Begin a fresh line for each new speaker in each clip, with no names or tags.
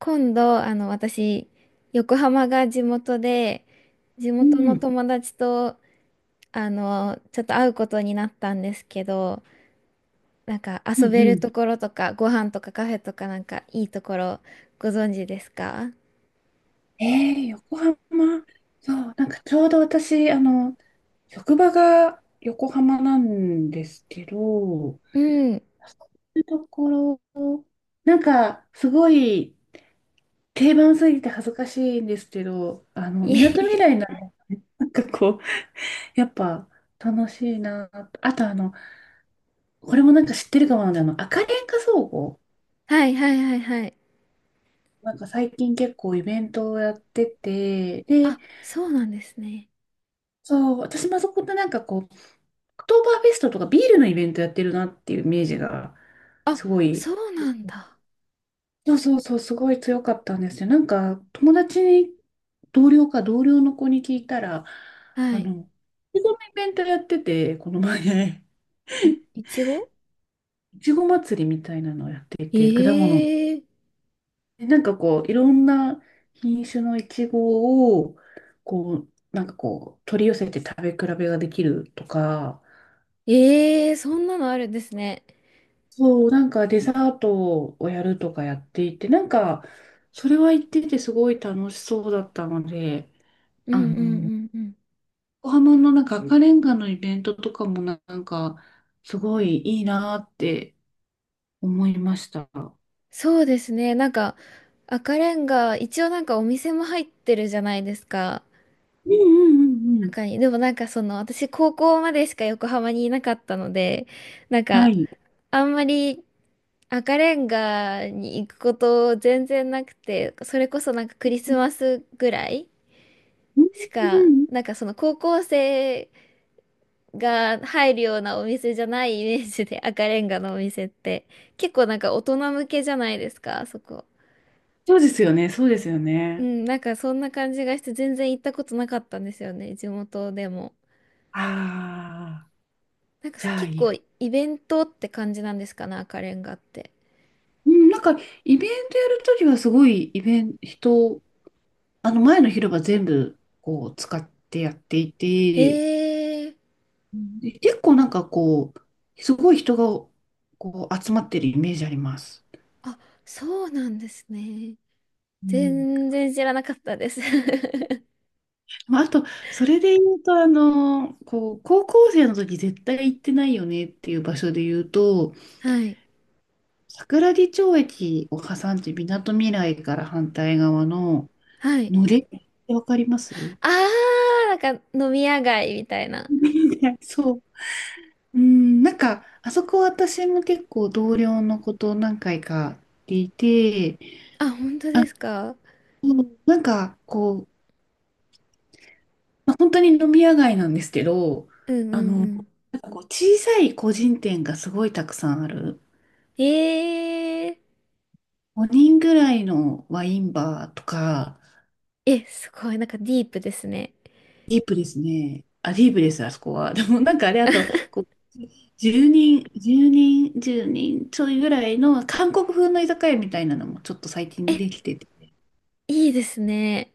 今度、私、横浜が地元で、地
う
元
ん、う
の
ん
友達と、ちょっと会うことになったんですけど、なんか
う
遊べる
ん。
ところとか、ご飯とかカフェとかなんかいいところご存知ですか？
横浜。そう、なんかちょうど私、職場が横浜なんですけど、そ
うん。
ういうところ、なんかすごい定番すぎて恥ずかしいんですけど、み
い
なとみ
え。
らいなんかこう、やっぱ楽しいなと。あとこれもなんか知ってるかもなんで、赤レンガ倉庫。
はいはいはいはい。
なんか最近結構イベントをやってて、で、
あ、そうなんですね。
そう、私もそこでなんかこう、クトーバーフェストとかビールのイベントやってるなっていうイメージが、
あ、
すごい、
そうなんだ。
そうそうそう、すごい強かったんですよ。なんか、友達に、同僚か同僚の子に聞いたら、
は
あ
い。
の、いちごのイベントやってて、この前、
いちご。
いちご祭りみたいなのをやっていて、果物の。
ええー。
でなんかこう、いろんな品種のいちごを、こう、なんかこう、取り寄せて食べ比べができるとか、
ええー、そんなのあるんですね。
そう、なんかデザートをやるとかやっていて、なんか、それは言っててすごい楽しそうだったので、
う
あ
んうんう
の、
んうん。
横浜のなんか赤レンガのイベントとかもなんか、すごいいいなって思いました。う
そうですね。なんか、赤レンガ、一応なんかお店も入ってるじゃないですか。
んうんうんうん。
中に。でもなんかその、私高校までしか横浜にいなかったので、なん
は
か、
い。
あんまり赤レンガに行くこと全然なくて、それこそなんかクリ
う
ス
ん
マスぐらい
うん
しか、
うん。
なんかその高校生が入るようなお店じゃないイメージで赤レンガのお店って。結構なんか大人向けじゃないですか、あそこ。
そうですよね、そうですよ
う
ね。
ん、なんかそんな感じがして全然行ったことなかったんですよね、地元でも。
ああ、
なんか
じゃあ
結
いい。
構イベントって感じなんですかね、赤レンガって。
うん、なんか、イベントやるときはすごいイベント、あの前の広場全部こう使ってやってい
へ
て、
え。
うんで結構なんかこう、すごい人がこう集まってるイメージあります。
あ、そうなんですね。
うん
全然知らなかったです。
まあ、あと、それで言うと、こう、高校生の時絶対行ってないよねっていう場所で言うと、
はい。
桜木町駅を挟んで、みなとみらいから反対側の、
はい。
のれんってわかります？
あー、なんか飲み屋街みたいな。
そう。うん、なんか、あそこ私も結構同僚のこと何回か聞いて、
あ、本当ですか？
そうなんかこう、まあ本当に飲み屋街なんですけど、
うんうんうん。
なんかこう小さい個人店がすごいたくさんある。
えー、
5人ぐらいのワインバーとか、
え、すごい、なんかディープですね。
ディープですね。あ、ディープです、あそこは。でもなんかあれ、あと、こう、10人、10人、10人ちょいぐらいの韓国風の居酒屋みたいなのもちょっと最近
え、
できてて、
いいですね。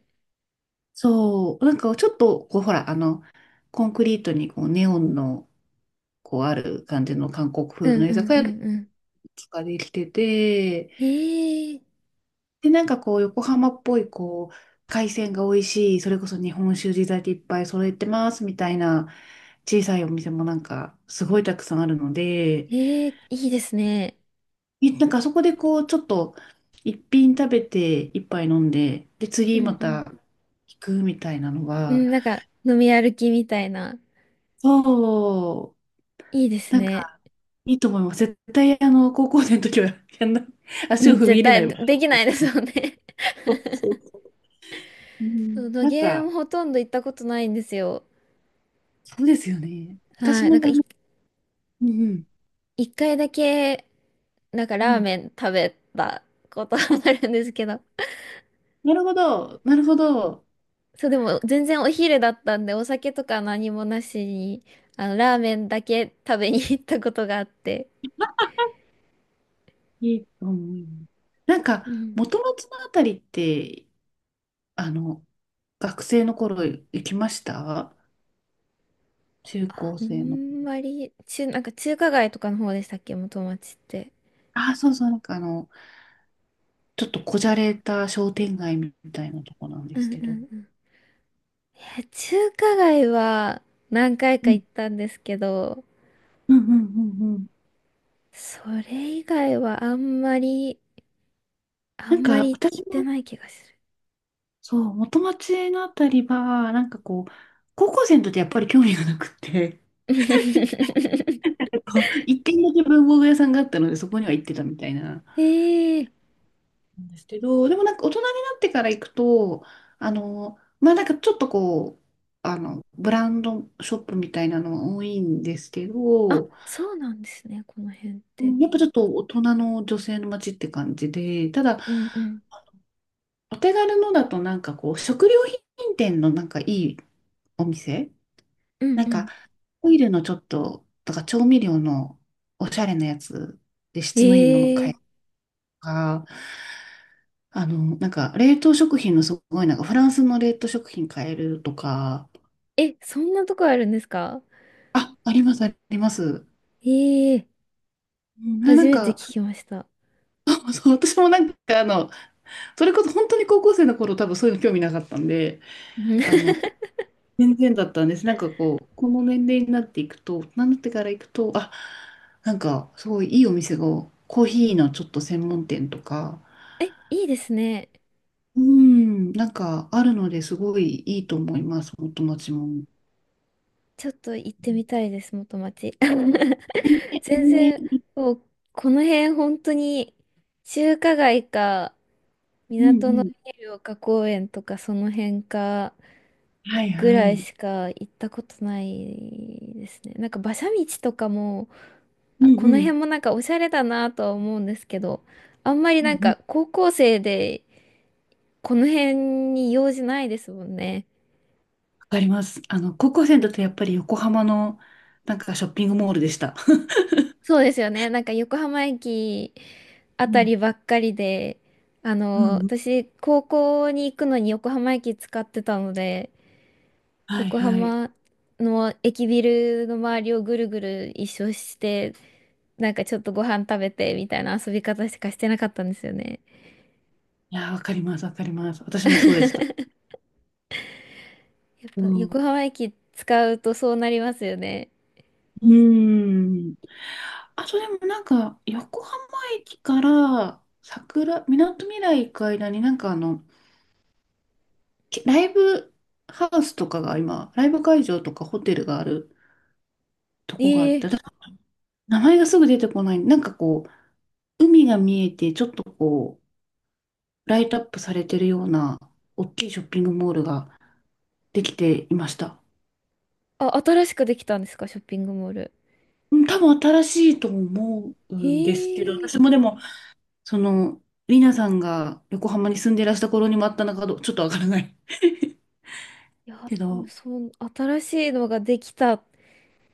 そう、なんかちょっと、こう、ほら、コンクリートにこうネオンの、こう、ある感じの韓国
う
風
ん
の
う
居
ん
酒
う
屋がいく
んうん。
つかできてて、
ええ
で、なんかこう、横浜っぽい、こう、海鮮が美味しい、それこそ日本酒地酒いっぱい揃えてますみたいな小さいお店もなんかすごいたくさんあるので、
ええ、いいですね。
なんかそこでこう、ちょっと一品食べて一杯飲んで、で、
う
次ま
んうん。
た行くみたいなの
う
が、
ん、なんか、飲み歩きみたいな。
そう
いいです
なん
ね。
か、いいと思います。絶対、高校生の時はやんない、
う
足を
ん、
踏み
絶
入れな
対
いわ。
でできないですよね。
そうそうそう。う
そう、
ん、
野
なん
毛も
か、
ほとんど行ったことないんですよ。
そうですよね。私
はい。
も、うんうん、
一回だけ、なんか
う
ラー
ん。
メン食べたことがあるんですけど。
なるほど、なるほど。
そう、でも全然お昼だったんで、お酒とか何もなしに、ラーメンだけ食べに行ったことがあって。
いいと思います。なんか、
うん。
元町のあたりって、あの、学生の頃行きました、中高
あ
生の。
んまり、なんか中華街とかの方でしたっけ、元町って。
あ、そうそう、なんかちょっとこじゃれた商店街みたいなとこなん
う
です
んう
けど。
んうん。いや、中華街は何回か
うん、
行ったんですけど、
うん、うん、うん。うん、
それ以外はあんまり、あ
な
ん
ん
ま
か、
り行っ
私
て
も
ない気がする。
そう、元町のあたりは、なんかこう、高校生の時やっぱり興味がなくって、一軒だけ文房具屋さんがあったので、そこには行ってたみたいな、
ええ。
なんですけど、でもなんか大人になってから行くと、まあなんかちょっとこう、ブランドショップみたいなのは多いんですけ
あ、
ど、
そうなんですね、この辺っ
う
て。
んやっぱちょっと大人の女性の街って感じで、ただ、
うんうん。
お手軽のだとなんかこう、食料品店のなんかいいお店、
うん
なん
う
か、
ん。
トイレのちょっと、だから調味料のおしゃれなやつで質のいいもの買え
え
ると
え
か、なんか冷凍食品のすごいなんかフランスの冷凍食品買えるとか、
え、そんなとこあるんですか？
あ、あります、あります。
ええ。
な、な
初
ん
めて聞
か、
きました。
そう、私もなんかそれこそ本当に高校生の頃多分そういうの興味なかったんで、
うん。
あの、全然だったんです。なんかこう、この年齢になっていくと、大人になってから行くと、あ、なんかすごいいいお店が、コーヒーのちょっと専門店とか、
え、いいですね。
うん、なんかあるのですごいいいと思います、お友達も。
ちょっと行ってみたいです、元町。
ね、
全然、
ね、
もう、この辺本当に、中華街か、
うん
港の
うん。
ビル丘公園とか、その辺か、
はい
ぐ
は
らい
い。
しか行ったことないですね。なんか馬車道とかも、
うん
あ、こ
う
の
ん。
辺もなんかおしゃれだなとは思うんですけど、あんまり
うん
なん
うん、
か高校生で、この辺に用事ないですもんね。
わかります。高校生だとやっぱり横浜のなんかショッピングモールでした。
そうですよね。なんか横浜駅 あ
う
た
ん。
りばっかりで、
うんうん。
私、高校に行くのに横浜駅使ってたので、
はい
横
はい。
浜の駅ビルの周りをぐるぐる一周して、なんかちょっとご飯食べてみたいな遊び方しかしてなかったんですよね。
いやー、わかります、わかります。私もそうでした。
や
う
っぱ
ん。う
横浜駅使うとそうなりますよね。
ーん。あとでもなんか、横浜駅からみなとみらい行く間になんかライブハウスとかが今、ライブ会場とかホテルがあるとこがあっ
ええ。
て、名前がすぐ出てこない。なんかこう、海が見えて、ちょっとこう、ライトアップされてるような、大きいショッピングモールができていました。
あ、新しくできたんですか、ショッピングモール。
うん、多分新しいと思う
え
んですけど、
え、い
私もでも、その、リナさんが横浜に住んでいらした頃にもあったのかどう、ちょっとわからない
や、
け
多分
ど、
そう、新しいのができた。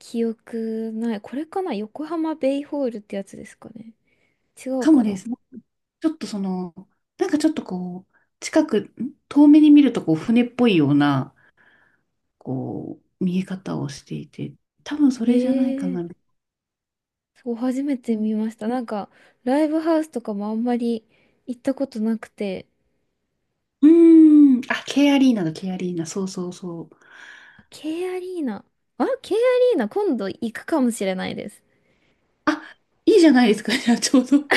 記憶ない。これかな、横浜ベイホールってやつですかね。違う
かも
か
で
な。
す。ちょっとその、なんかちょっとこう、近く、ん遠目に見るとこう、船っぽいような、こう、見え方をしていて、多分そ
え
れじゃないか
え
な。
ー。そう、初め
う
て
ん。
見ました。なんか、ライブハウスとかもあんまり行ったことなくて。
うーん。あ、K アリーナだ、K アリーナ。そうそうそう。
あ、 K アリーナ。あ、K アリーナ今度行くかもしれないです。
あ、いいじゃないですか、じゃあちょうど。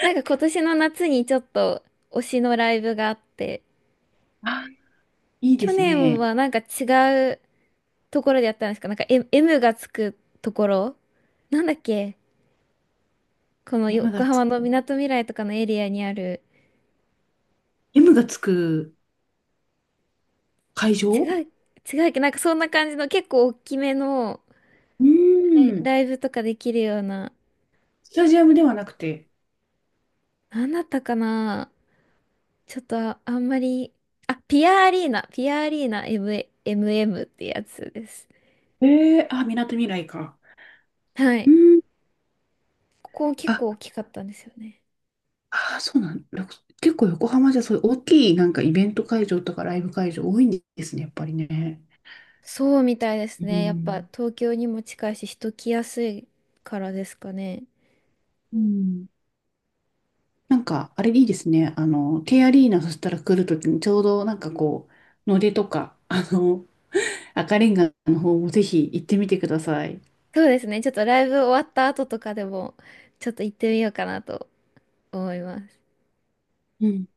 なんか今年の夏にちょっと推しのライブがあって、
あ、いいで
去
す
年
ね。
はなんか違うところでやったんですか？なんか M、 M がつくところ、なんだっけ、この
M
横
がつ、
浜のみなとみらいとかのエリアにある。
M がつく会
違
場。
う、違うっけ、なんかそんな感じの結構大きめの
うーん。
ライブとかできるような。
スタジアムではなくて。
なんだったかな。ちょっと、あ、あんまり、あ、ピアアリーナ、MM ってやつです。
えー、あ、みなとみらいか。
は
う
い。
ーん。
ここ結
あ、
構大きかったんですよね。
ああ、そうなん、ろく結構横浜じゃそういう大きいなんかイベント会場とかライブ会場多いんですね、やっぱりね。
そうみたいです
う
ね。やっぱ
ん。
東京にも近いし人来やすいからですかね。
うん。なんか、あれいいですね。K アリーナそしたら来るときにちょうどなんかこう、野出とか、赤レンガの方もぜひ行ってみてください。
そうですね。ちょっとライブ終わった後とかでもちょっと行ってみようかなと思います。
うん。